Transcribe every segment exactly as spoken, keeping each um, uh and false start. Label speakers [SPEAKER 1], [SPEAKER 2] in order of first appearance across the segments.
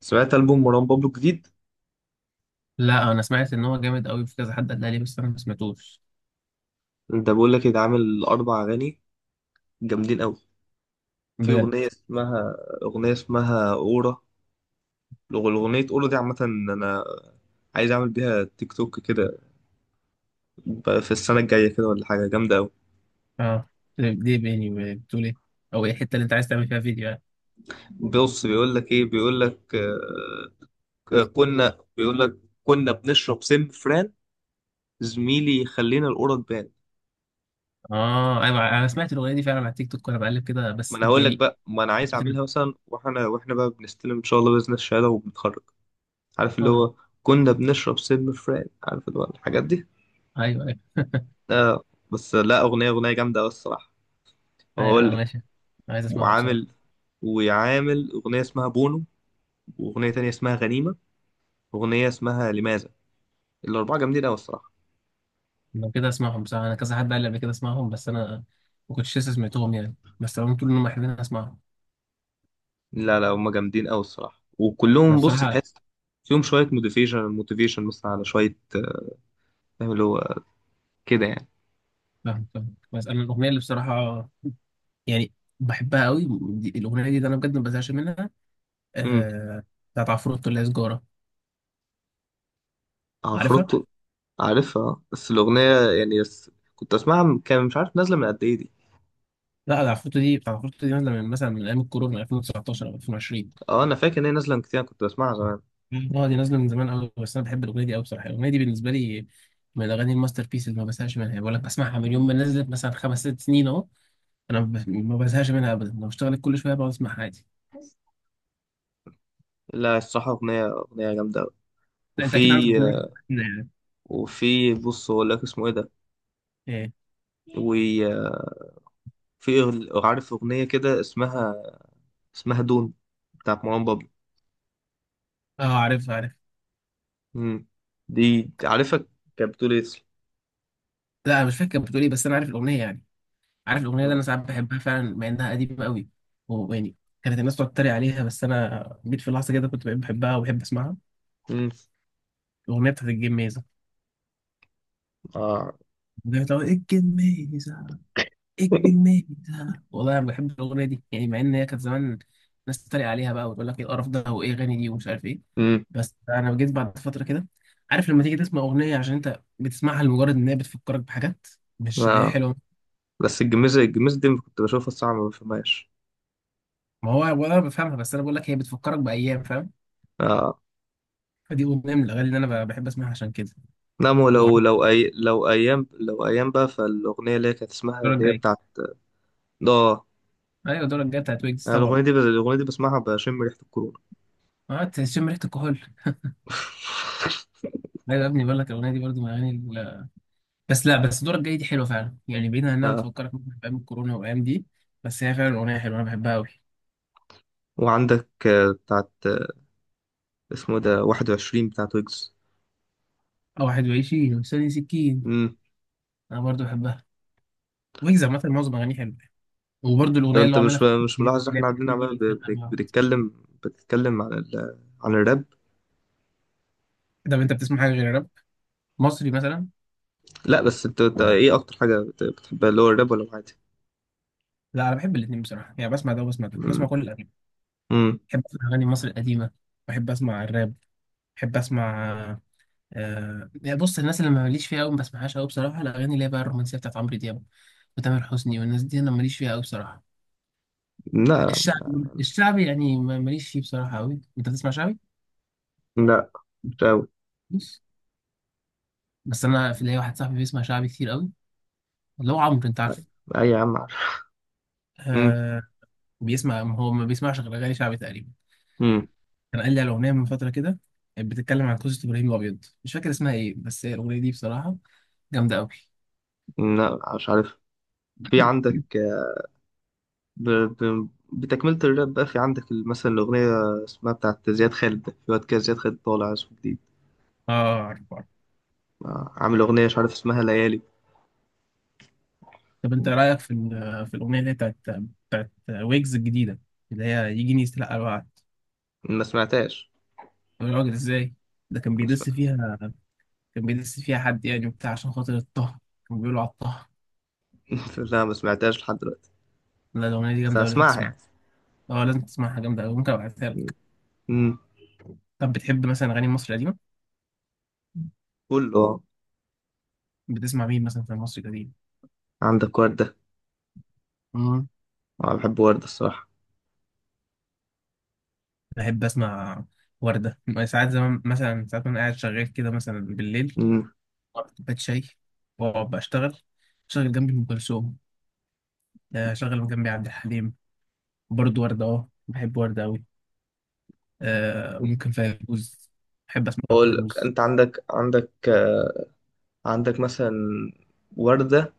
[SPEAKER 1] سمعت ألبوم مروان بابلو الجديد.
[SPEAKER 2] لا انا سمعت ان هو جامد قوي في كذا حد قال لي بس انا ما سمعتوش
[SPEAKER 1] ده بقول لك ده عامل أربع أغاني جامدين أوي. في
[SPEAKER 2] بجد.
[SPEAKER 1] أغنية اسمها أغنية اسمها أورا. الأغ- الأغنية أورا دي عامة. أنا عايز أعمل بيها تيك توك كده، ب- في السنة الجاية كده ولا حاجة جامدة أوي.
[SPEAKER 2] اه، دي دي بيني بتقول ايه؟ او ايه الحته اللي انت عايز تعمل فيها فيديو يعني؟
[SPEAKER 1] بص بيقول لك إيه، بيقول لك آه، آه، كنا بيقول لك كنا بنشرب سم فران زميلي، خلينا الأورا تبان.
[SPEAKER 2] اه ايوه، انا سمعت الاغنيه دي فعلا على التيك توك وانا بقلب كده،
[SPEAKER 1] ما
[SPEAKER 2] بس
[SPEAKER 1] أنا هقول لك
[SPEAKER 2] يعني
[SPEAKER 1] بقى، ما أنا عايز
[SPEAKER 2] بت-
[SPEAKER 1] أعملها مثلا، وإحنا وإحنا بقى بنستلم إن شاء الله بإذن الشهادة وبنتخرج، عارف اللي
[SPEAKER 2] اه
[SPEAKER 1] هو كنا بنشرب سم فران، عارف اللي هو الحاجات دي.
[SPEAKER 2] ايوه، ايوه،
[SPEAKER 1] آه. بس لا، أغنية أغنية جامدة أوي الصراحة.
[SPEAKER 2] ايوه،
[SPEAKER 1] وهقول
[SPEAKER 2] آه،
[SPEAKER 1] لك.
[SPEAKER 2] ماشي. عايز اسمعها بصراحه.
[SPEAKER 1] وعامل وعامل أغنية اسمها بونو، وأغنية تانية اسمها غنيمة، وأغنية اسمها لماذا. الأربعة جامدين أوي الصراحة.
[SPEAKER 2] لو كده اسمعهم بصراحه، انا كذا حد قال لي قبل كده اسمعهم، بس انا ما كنتش لسه سمعتهم يعني، بس هم طول انهم حلوين أنا اسمعهم.
[SPEAKER 1] لا لا، هما جامدين أوي الصراحة،
[SPEAKER 2] انا
[SPEAKER 1] وكلهم، بص،
[SPEAKER 2] بصراحه
[SPEAKER 1] تحس فيهم شوية موتيفيشن، موتيفيشن مثلا، على شوية آه، فاهم اللي هو، كده يعني.
[SPEAKER 2] فاهم فاهم، بس انا الاغنيه اللي بصراحه يعني بحبها قوي دي- الاغنيه دي، ده انا بجد ما بزهقش منها،
[SPEAKER 1] امم.
[SPEAKER 2] آه، بتاعت عفروتو اللي هي سجارة. عارفها؟
[SPEAKER 1] عفروتو، عارفها. بس الأغنية يعني، بس كنت أسمعها من- كان مش عارف نازلة من قد إيه دي.
[SPEAKER 2] لا، ده عفروتو، دي بتاعت عفروتو، دي نازلة من مثلا من أيام الكورونا من ألفين وتسعتاشر أو ألفين وعشرين.
[SPEAKER 1] اه، انا فاكر ان هي نازله من كتير، أنا كنت بسمعها زمان.
[SPEAKER 2] مم. اه دي نازلة من زمان أوي، بس أنا بحب الأغنية دي أوي بصراحة. الأغنية دي بالنسبة لي من الأغاني الماستر بيس اللي ما بزهقش منها يعني. بقول لك بسمعها من
[SPEAKER 1] مم.
[SPEAKER 2] يوم ما نزلت مثلا خمس ست سنين أهو. أنا ب- ما بزهقش منها أبدا، لو اشتغلت كل شوية بقعد أسمعها عادي.
[SPEAKER 1] بس لا، الصراحة أغنية أغنية جامدة أوي.
[SPEAKER 2] لا أنت
[SPEAKER 1] وفي
[SPEAKER 2] أكيد عندك أغنية كده يعني.
[SPEAKER 1] وفي بص أقول لك اسمه إيه ده.
[SPEAKER 2] إيه؟
[SPEAKER 1] وفي أغ- عارف أغنية كده اسمها، اسمها دون بتاعت مروان بابلو.
[SPEAKER 2] اه عارف عارف.
[SPEAKER 1] مم. دي عارفك كانت بتقول إيه.
[SPEAKER 2] لا أنا مش فاكر بتقول إيه، بس أنا عارف الأغنية يعني. عارف الاغنيه دي، انا
[SPEAKER 1] آه.
[SPEAKER 2] ساعات بحبها فعلا مع انها قديمه قوي. ويعني كانت الناس تقعد تتريق عليها، بس انا جيت في لحظه كده كنت بقيت بحبها وبحب اسمعها.
[SPEAKER 1] مم.
[SPEAKER 2] الاغنيه بتاعت الجميزه،
[SPEAKER 1] آه.
[SPEAKER 2] بتاعت ايه الجميزه، ايه الجميزه، والله انا بحب الاغنيه دي يعني، مع ان هي كانت زمان ناس تتريق عليها بقى وتقول لك ايه القرف ده وايه اغاني دي ومش عارف ايه.
[SPEAKER 1] مم.
[SPEAKER 2] بس انا جيت بعد فتره كده، عارف لما تيجي تسمع اغنيه عشان انت بتسمعها لمجرد ان هي بتفكرك بحاجات مش عشان هي
[SPEAKER 1] آه.
[SPEAKER 2] حلوه.
[SPEAKER 1] بس الجميزة، الجميزة دي كنت بشوفها الساعة ما بفهمهاش.
[SPEAKER 2] ما هو ولا انا بفهمها، بس انا بقول لك هي بتفكرك بايام، فاهم.
[SPEAKER 1] آه.
[SPEAKER 2] فدي اغنيه من الاغاني اللي انا ب- بحب اسمعها عشان كده.
[SPEAKER 1] نعم، لو
[SPEAKER 2] وعندك
[SPEAKER 1] لو أي لو أيام لو أيام بقى، فالأغنية اللي هي كانت اسمها،
[SPEAKER 2] الدورة
[SPEAKER 1] اللي هي
[SPEAKER 2] الجاية.
[SPEAKER 1] بتاعت آه،
[SPEAKER 2] ايوه الدورة الجاية بتاعت ويجز
[SPEAKER 1] أنا الأغنية
[SPEAKER 2] طبعا.
[SPEAKER 1] دي، الأغنية دي بسمعها بشم ريحة الكورونا.
[SPEAKER 2] اه تشم ريحة الكحول. لا يا ابني، بقول لك الاغنية دي برضو من الاغاني ال- بس لا بس الدورة الجاية دي حلوة فعلا يعني، بعيدا عن انها
[SPEAKER 1] اه.
[SPEAKER 2] بتفكرك ممكن في ايام الكورونا والايام دي، بس هي فعلا اغنية حلوة، انا بحبها قوي.
[SPEAKER 1] وعندك آه، بتاعت آه، اسمه ده واحد وعشرين بتاعت ويجز.
[SPEAKER 2] او واحد وعشرين وسنة سكين،
[SPEAKER 1] امم.
[SPEAKER 2] انا برضو بحبها. ويجز عامة معظم اغانيه حلوة. وبرضو
[SPEAKER 1] لو
[SPEAKER 2] الاغنية اللي
[SPEAKER 1] انت
[SPEAKER 2] هو عاملها
[SPEAKER 1] مش
[SPEAKER 2] في
[SPEAKER 1] مش
[SPEAKER 2] الجديدة
[SPEAKER 1] ملاحظ
[SPEAKER 2] اللي
[SPEAKER 1] احنا
[SPEAKER 2] هي بتاعت
[SPEAKER 1] قاعدين
[SPEAKER 2] تيجي
[SPEAKER 1] عمال،
[SPEAKER 2] لي
[SPEAKER 1] ب-
[SPEAKER 2] تسأل
[SPEAKER 1] ب-
[SPEAKER 2] عنها.
[SPEAKER 1] بنتكلم، بتتكلم عن ال... عن الراب.
[SPEAKER 2] طب انت بتسمع حاجة غير راب مصري مثلا؟
[SPEAKER 1] لا بس انت، انت ايه اكتر حاجة بت- بتحبها، اللي هو الراب ولا العادي.
[SPEAKER 2] لا انا بحب الاثنين بصراحة يعني، بسمع ده وبسمع ده، بسمع
[SPEAKER 1] امم.
[SPEAKER 2] كل الاغاني.
[SPEAKER 1] امم.
[SPEAKER 2] بحب اسمع اغاني مصر القديمة، بحب اسمع الراب، بحب اسمع، آه، بص الناس اللي ما ماليش فيها قوي ما بسمعهاش قوي بصراحه، الاغاني اللي هي بقى الرومانسيه بتاعت عمرو دياب وتامر حسني والناس دي انا ماليش فيها قوي بصراحه.
[SPEAKER 1] لا،
[SPEAKER 2] الشعبي الشعبي يعني ما- ماليش فيه بصراحه قوي. انت بتسمع شعبي؟
[SPEAKER 1] لا مش قوي.
[SPEAKER 2] بص، بس انا في ليا واحد صاحبي بيسمع شعبي كتير قوي، اللي هو عمرو انت عارف.
[SPEAKER 1] اي يا عم عارف. امم.
[SPEAKER 2] آه، بيسمع هو ما بيسمعش غير اغاني شعبي تقريبا.
[SPEAKER 1] امم.
[SPEAKER 2] كان قال لي على اغنيه من فتره كده، كانت بتتكلم عن قصه ابراهيم الابيض، مش فاكر اسمها ايه، بس هي الاغنيه دي بصراحه جامده قوي.
[SPEAKER 1] لا مش عارف. في عندك آه، ب... ب... بتكملة الراب بقى في عندك مثلا الأغنية اسمها بتاعت زياد خالد، ده في واد كده زياد خالد طالع اسمه جديد.
[SPEAKER 2] اه،
[SPEAKER 1] آه، عامل أغنية مش عارف اسمها ليالي.
[SPEAKER 2] طب انت رايك في ال- في الاغنيه اللي هي بتاعت بتاعت ويجز الجديده اللي هي يجيني يستلقى الوعد؟
[SPEAKER 1] ما سمعتهاش.
[SPEAKER 2] يا راجل ازاي؟ ده كان
[SPEAKER 1] ما سمع...
[SPEAKER 2] بيدس فيها، كان بيدس فيها حد يعني وبتاع، عشان خاطر الطه، كان بيقولوا على الطه.
[SPEAKER 1] لا، ما سمعتهاش لحد دلوقتي،
[SPEAKER 2] لا الاغنيه دي
[SPEAKER 1] بس
[SPEAKER 2] جامده أوي، لازم
[SPEAKER 1] هسمعها
[SPEAKER 2] تسمعها.
[SPEAKER 1] يعني.
[SPEAKER 2] اه لازم تسمعها، جامده أوي، ممكن ابعتها لك.
[SPEAKER 1] امم.
[SPEAKER 2] طب بتحب مثلا اغاني مصر القديمه؟
[SPEAKER 1] قول له آه،
[SPEAKER 2] بتسمع مين مثلا في مصر القديمه؟
[SPEAKER 1] عندك وردة.
[SPEAKER 2] امم،
[SPEAKER 1] أنا بحب وردة الصراحة.
[SPEAKER 2] بحب اسمع ورده ساعات زمان، مثلا ساعات وانا قاعد شغال كده مثلا بالليل،
[SPEAKER 1] امم.
[SPEAKER 2] أقعد كوبايه شاي واقعد بشتغل، شغل جنبي ام كلثوم، آه، شغل جنبي عبد الحليم، برضو وردة، اه بحب وردة أوي، آه ممكن فيروز، بحب أسمع
[SPEAKER 1] بقول لك
[SPEAKER 2] فيروز.
[SPEAKER 1] أنت، عندك عندك آه، عندك مثلا وردة،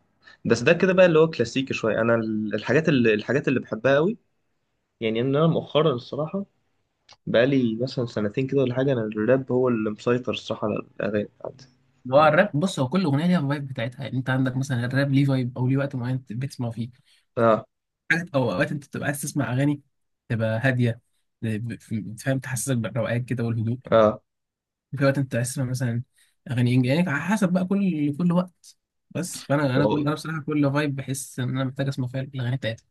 [SPEAKER 1] بس ده كده بقى، اللي هو كلاسيكي شوية. أنا ال- الحاجات اللي الحاجات اللي بحبها قوي، يعني إن أنا مؤخرا الصراحة بقالي مثلا سنتين كده ولا حاجة، أنا الراب هو اللي مسيطر الصراحة على الأغاني بتاعتي.
[SPEAKER 2] اللي هو الراب، بص هو كل أغنية ليها الفايب بتاعتها يعني، أنت عندك مثلا الراب ليه فايب أو ليه وقت معين أنت بتسمع فيه
[SPEAKER 1] اه.
[SPEAKER 2] حاجات، أو أوقات أنت بتبقى عايز تسمع أغاني تبقى هادية، ب- ب- فاهم، تحسسك بالروقان كده والهدوء،
[SPEAKER 1] اه.
[SPEAKER 2] وفي وقت أنت عايز تسمع مثلا أغاني إنجليزي يعني، على حسب بقى كل كل وقت. بس فأنا أنا كل أنا بصراحة كل فايب بحس إن أنا محتاج أسمع فيها الأغاني بتاعتها.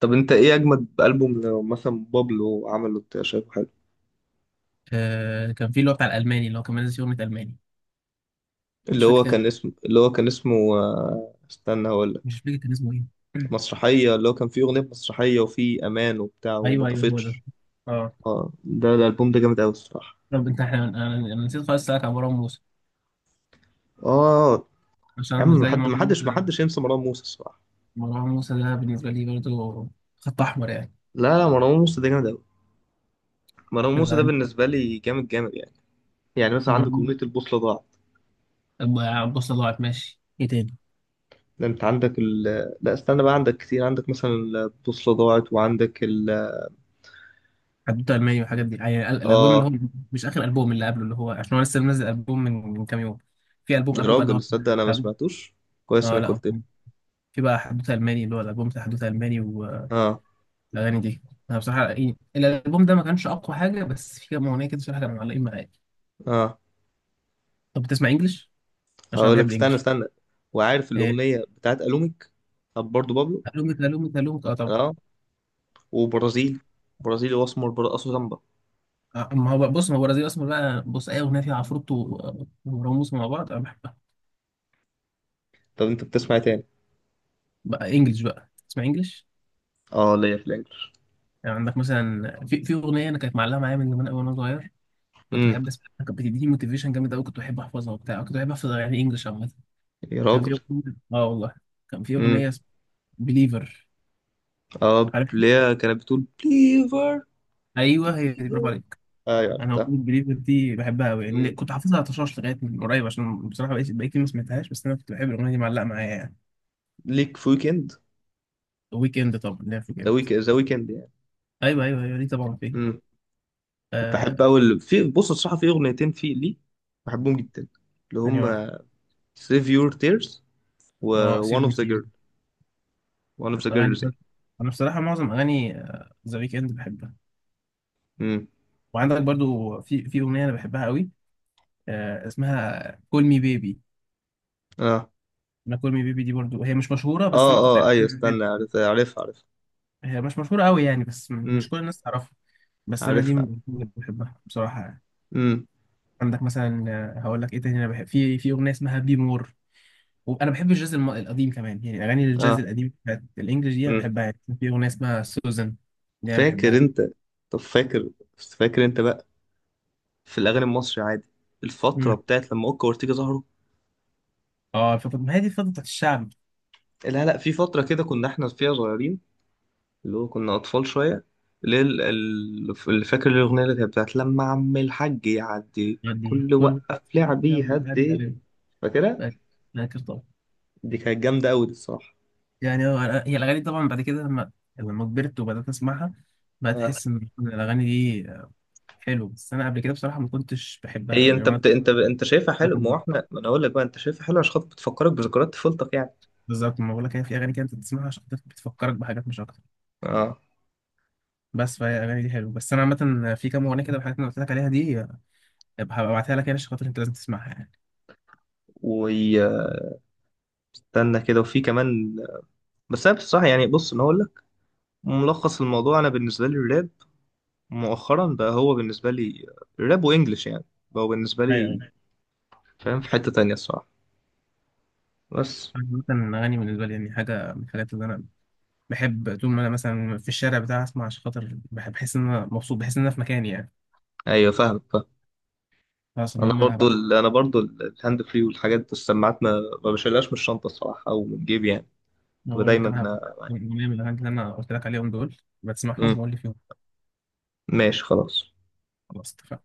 [SPEAKER 1] طب انت ايه اجمد البوم لو مثلا بابلو عمله انت شايفه حلو.
[SPEAKER 2] آه كان في اللي هو بتاع الألماني اللي هو كان منزل فيه أغنية ألماني. مش
[SPEAKER 1] اللي
[SPEAKER 2] فاكر
[SPEAKER 1] هو
[SPEAKER 2] كان-
[SPEAKER 1] كان اسمه اللي هو كان اسمه آه، استنى هقول
[SPEAKER 2] مش
[SPEAKER 1] لك.
[SPEAKER 2] فاكر كان اسمه إيه.
[SPEAKER 1] مسرحيه، اللي هو كان فيه اغنيه مسرحيه وفيه امان وبتاع وما
[SPEAKER 2] ايوه ايوه هو ده.
[SPEAKER 1] طفتش.
[SPEAKER 2] اه،
[SPEAKER 1] اه، ده الالبوم ده جامد قوي الصراحه.
[SPEAKER 2] طب انت احنا انا أنا نسيت خالص اسالك عن مروان موسى،
[SPEAKER 1] اه.
[SPEAKER 2] عشان
[SPEAKER 1] يا
[SPEAKER 2] انا
[SPEAKER 1] عم،
[SPEAKER 2] بالنسبه لي
[SPEAKER 1] محد
[SPEAKER 2] مروان موسى
[SPEAKER 1] محدش
[SPEAKER 2] ده،
[SPEAKER 1] محدش ينسى مروان موسى الصراحه.
[SPEAKER 2] مروان موسى ده بالنسبه لي برضه خط احمر يعني.
[SPEAKER 1] لا لا، مروان موسى ده جامد قوي. مروان موسى ده
[SPEAKER 2] الأغاني-
[SPEAKER 1] بالنسبه لي جامد جامد يعني. يعني مثلا عندك
[SPEAKER 2] مروان
[SPEAKER 1] اغنيه البوصله ضاعت.
[SPEAKER 2] موسى، بص ضاعت ماشي، ايه تاني؟
[SPEAKER 1] ده انت عندك ال... لا استنى بقى، عندك كتير، عندك مثلا البوصله ضاعت وعندك ال...
[SPEAKER 2] حدوته الماني والحاجات دي يعني ال- الالبوم اللي
[SPEAKER 1] اه.
[SPEAKER 2] هو مش اخر البوم، اللي قبله، اللي هو عشان هو لسه منزل البوم من من كام يوم، في البوم
[SPEAKER 1] يا
[SPEAKER 2] قبله بقى اللي
[SPEAKER 1] راجل
[SPEAKER 2] هو
[SPEAKER 1] تصدق انا ما
[SPEAKER 2] حدوتة-
[SPEAKER 1] سمعتوش، كويس
[SPEAKER 2] اه
[SPEAKER 1] انك
[SPEAKER 2] لا
[SPEAKER 1] قلت لي.
[SPEAKER 2] في بقى حدوته الماني، اللي هو الالبوم بتاع حدوته الماني والاغاني
[SPEAKER 1] اه.
[SPEAKER 2] دي، انا بصراحه إيه، الالبوم ده ما كانش اقوى حاجه، بس في كام اغنيه كده بصراحه كانوا معلقين معايا.
[SPEAKER 1] اه.
[SPEAKER 2] طب بتسمع انجلش؟ عشان انا
[SPEAKER 1] هقول لك،
[SPEAKER 2] بحب
[SPEAKER 1] استنى
[SPEAKER 2] الانجليش.
[SPEAKER 1] استنى وعارف
[SPEAKER 2] إيه،
[SPEAKER 1] الاغنيه بتاعت الوميك. طب برضو بابلو.
[SPEAKER 2] الومك الومك الومك اه طبعا.
[SPEAKER 1] اه. وبرازيلي، برازيلي واسمر برقص سامبا.
[SPEAKER 2] آه، ما هو بقى- بص ما هو البرازيل اصلا بقى، بص اي اغنيه فيها عفروتو و- وراموس مع بعض انا بحبها.
[SPEAKER 1] طب انت بتسمع إيه تاني.
[SPEAKER 2] بقى انجليش بقى اسمع انجليش.
[SPEAKER 1] اه ليا في الانجليش.
[SPEAKER 2] يعني عندك مثلا في في اغنيه انا كانت معلقه معايا من زمان قوي وانا صغير، كنت
[SPEAKER 1] امم.
[SPEAKER 2] بحب اسمعها، كانت بتديني موتيفيشن جامد قوي، كنت بحب احفظها وبتاع، كنت بحب احفظ اغاني انجليش عامه.
[SPEAKER 1] يا
[SPEAKER 2] كان في
[SPEAKER 1] راجل.
[SPEAKER 2] اغنيه، اه والله، كان في
[SPEAKER 1] امم.
[SPEAKER 2] اغنيه اسمها بليفر.
[SPEAKER 1] اه
[SPEAKER 2] عارف،
[SPEAKER 1] ليا كانت بتقول بليفر.
[SPEAKER 2] ايوه هي دي، برافو عليك.
[SPEAKER 1] ايوه
[SPEAKER 2] انا
[SPEAKER 1] عرفتها.
[SPEAKER 2] اغنيه بليفر دي بحبها قوي يعني،
[SPEAKER 1] امم.
[SPEAKER 2] كنت حافظها على طشاش لغايه من قريب، عشان بصراحه بقيت بقيت ما سمعتهاش، بس انا كنت بحب الاغنيه دي، معلقه معايا يعني.
[SPEAKER 1] ليك في ويكند.
[SPEAKER 2] ويك اند طبعا لعب في
[SPEAKER 1] ذا
[SPEAKER 2] جامد.
[SPEAKER 1] ويك ذا ويكند يعني.
[SPEAKER 2] ايوه ايوه ايوه، دي طبعا فين،
[SPEAKER 1] امم.
[SPEAKER 2] آه.
[SPEAKER 1] بحب اول، في بص الصراحه في اغنيتين في ليه بحبهم جدا، اللي
[SPEAKER 2] ثاني واحد،
[SPEAKER 1] هم سيف يور تيرز،
[SPEAKER 2] اه سيب
[SPEAKER 1] وون
[SPEAKER 2] مي
[SPEAKER 1] اوف ذا
[SPEAKER 2] فيل.
[SPEAKER 1] جيرل، وان اوف ذا
[SPEAKER 2] الاغاني دي
[SPEAKER 1] جيرلز يعني.
[SPEAKER 2] برضه، انا بصراحه معظم اغاني ذا ويك اند بحبها.
[SPEAKER 1] امم.
[SPEAKER 2] وعندك برضو في في اغنيه انا بحبها قوي، آه اسمها كول مي بيبي.
[SPEAKER 1] اه.
[SPEAKER 2] انا كول مي بيبي دي برضو هي مش مشهوره، بس
[SPEAKER 1] اه.
[SPEAKER 2] انا كنت
[SPEAKER 1] اه
[SPEAKER 2] عارفها
[SPEAKER 1] ايوه
[SPEAKER 2] من الفيلم.
[SPEAKER 1] استنى، عارف، عارفها عارفها.
[SPEAKER 2] هي مش مشهوره قوي يعني، بس م-
[SPEAKER 1] امم.
[SPEAKER 2] مش كل الناس تعرفها. بس انا دي من
[SPEAKER 1] عارفها.
[SPEAKER 2] الأغاني اللي بحبها بصراحه يعني.
[SPEAKER 1] امم.
[SPEAKER 2] عندك مثلا، آه، هقول لك ايه تاني، انا بحب في في اغنيه اسمها بي مور، وانا بحب الجاز الم- القديم كمان يعني، اغاني الجاز
[SPEAKER 1] اه.
[SPEAKER 2] القديم بتاعت الانجليش دي انا
[SPEAKER 1] امم.
[SPEAKER 2] بحبها يعني، في اغنيه اسمها سوزان، دي انا
[SPEAKER 1] فاكر
[SPEAKER 2] بحبها.
[SPEAKER 1] انت، طب فاكر فاكر انت بقى في الاغاني المصري عادي الفتره
[SPEAKER 2] امم،
[SPEAKER 1] بتاعت لما اوكا وارتيجا ظهروا.
[SPEAKER 2] اه الفتره، ما هي دي الفتره بتاعت الشعب.
[SPEAKER 1] لا لا، في فتره كده كنا احنا فيها صغيرين، اللي هو كنا اطفال شويه، اللي هي ال- ال- اللي فاكر الاغنيه اللي كانت بتاعت لما عم الحاج يعدي
[SPEAKER 2] دي
[SPEAKER 1] كل
[SPEAKER 2] كل،
[SPEAKER 1] وقف لعبي هدي. فاكرها.
[SPEAKER 2] فاكر طبعا.
[SPEAKER 1] دي كانت جامده قوي دي الصراحه.
[SPEAKER 2] يعني هو أنا- هي الاغاني طبعا بعد كده لما لما كبرت وبدات اسمعها، بقيت احس
[SPEAKER 1] آه.
[SPEAKER 2] ان الاغاني دي حلوه، بس انا قبل كده بصراحه ما كنتش بحبها
[SPEAKER 1] هي
[SPEAKER 2] قوي
[SPEAKER 1] انت
[SPEAKER 2] يعني.
[SPEAKER 1] بت... انت انت شايفها حلو.
[SPEAKER 2] انا
[SPEAKER 1] ما هو احنا، ما انا اقول لك بقى، انت شايفها حلو عشان خاطر بتفكرك بذكريات طفولتك يعني.
[SPEAKER 2] بالظبط، ما بقول لك، هي في اغاني كده انت بتسمعها عشان بتفكرك بحاجات مش اكتر.
[SPEAKER 1] اه.
[SPEAKER 2] بس فهي الاغاني دي حلوه، بس انا عامه في كام اغنيه كده من الحاجات اللي أنا قلت لك عليها دي، أبقى هبعتها لك يعني، عشان خاطر انت لازم تسمعها يعني.
[SPEAKER 1] واستنى كده، وفي كمان، بس انا بصراحه يعني، بص انا اقول لك ملخص الموضوع، انا بالنسبه لي الراب مؤخرا بقى، هو بالنسبه لي الراب وانجلش يعني، بقى بالنسبه
[SPEAKER 2] ايوه
[SPEAKER 1] لي،
[SPEAKER 2] ايوه.
[SPEAKER 1] فاهم، في حته تانية الصراحه بس.
[SPEAKER 2] أنا مثلا الاغاني بالنسبه لي يعني حاجه من الحاجات اللي انا بحب، طول ما انا مثلا في الشارع بتاعي اسمع، عشان خاطر بحب بحس ان انا مبسوط، بحس ان انا في مكاني يعني.
[SPEAKER 1] ايوه فاهمك فاهم.
[SPEAKER 2] خلاص
[SPEAKER 1] انا
[SPEAKER 2] المهم انا
[SPEAKER 1] برضو
[SPEAKER 2] هبعت لك.
[SPEAKER 1] ال... انا برضو ال- الهاند فري والحاجات السماعات، ما ما بشيلهاش من الشنطه الصراحه او من جيبي يعني،
[SPEAKER 2] أنا
[SPEAKER 1] بتبقى
[SPEAKER 2] بقول لك
[SPEAKER 1] دايما
[SPEAKER 2] انا هبعت
[SPEAKER 1] آه،
[SPEAKER 2] لك
[SPEAKER 1] معايا.
[SPEAKER 2] أغنية من الاغاني اللي انا قلت لك عليهم دول،
[SPEAKER 1] مم.
[SPEAKER 2] بتسمعهم وقول لي فيهم.
[SPEAKER 1] ماشي خلاص
[SPEAKER 2] خلاص اتفقنا.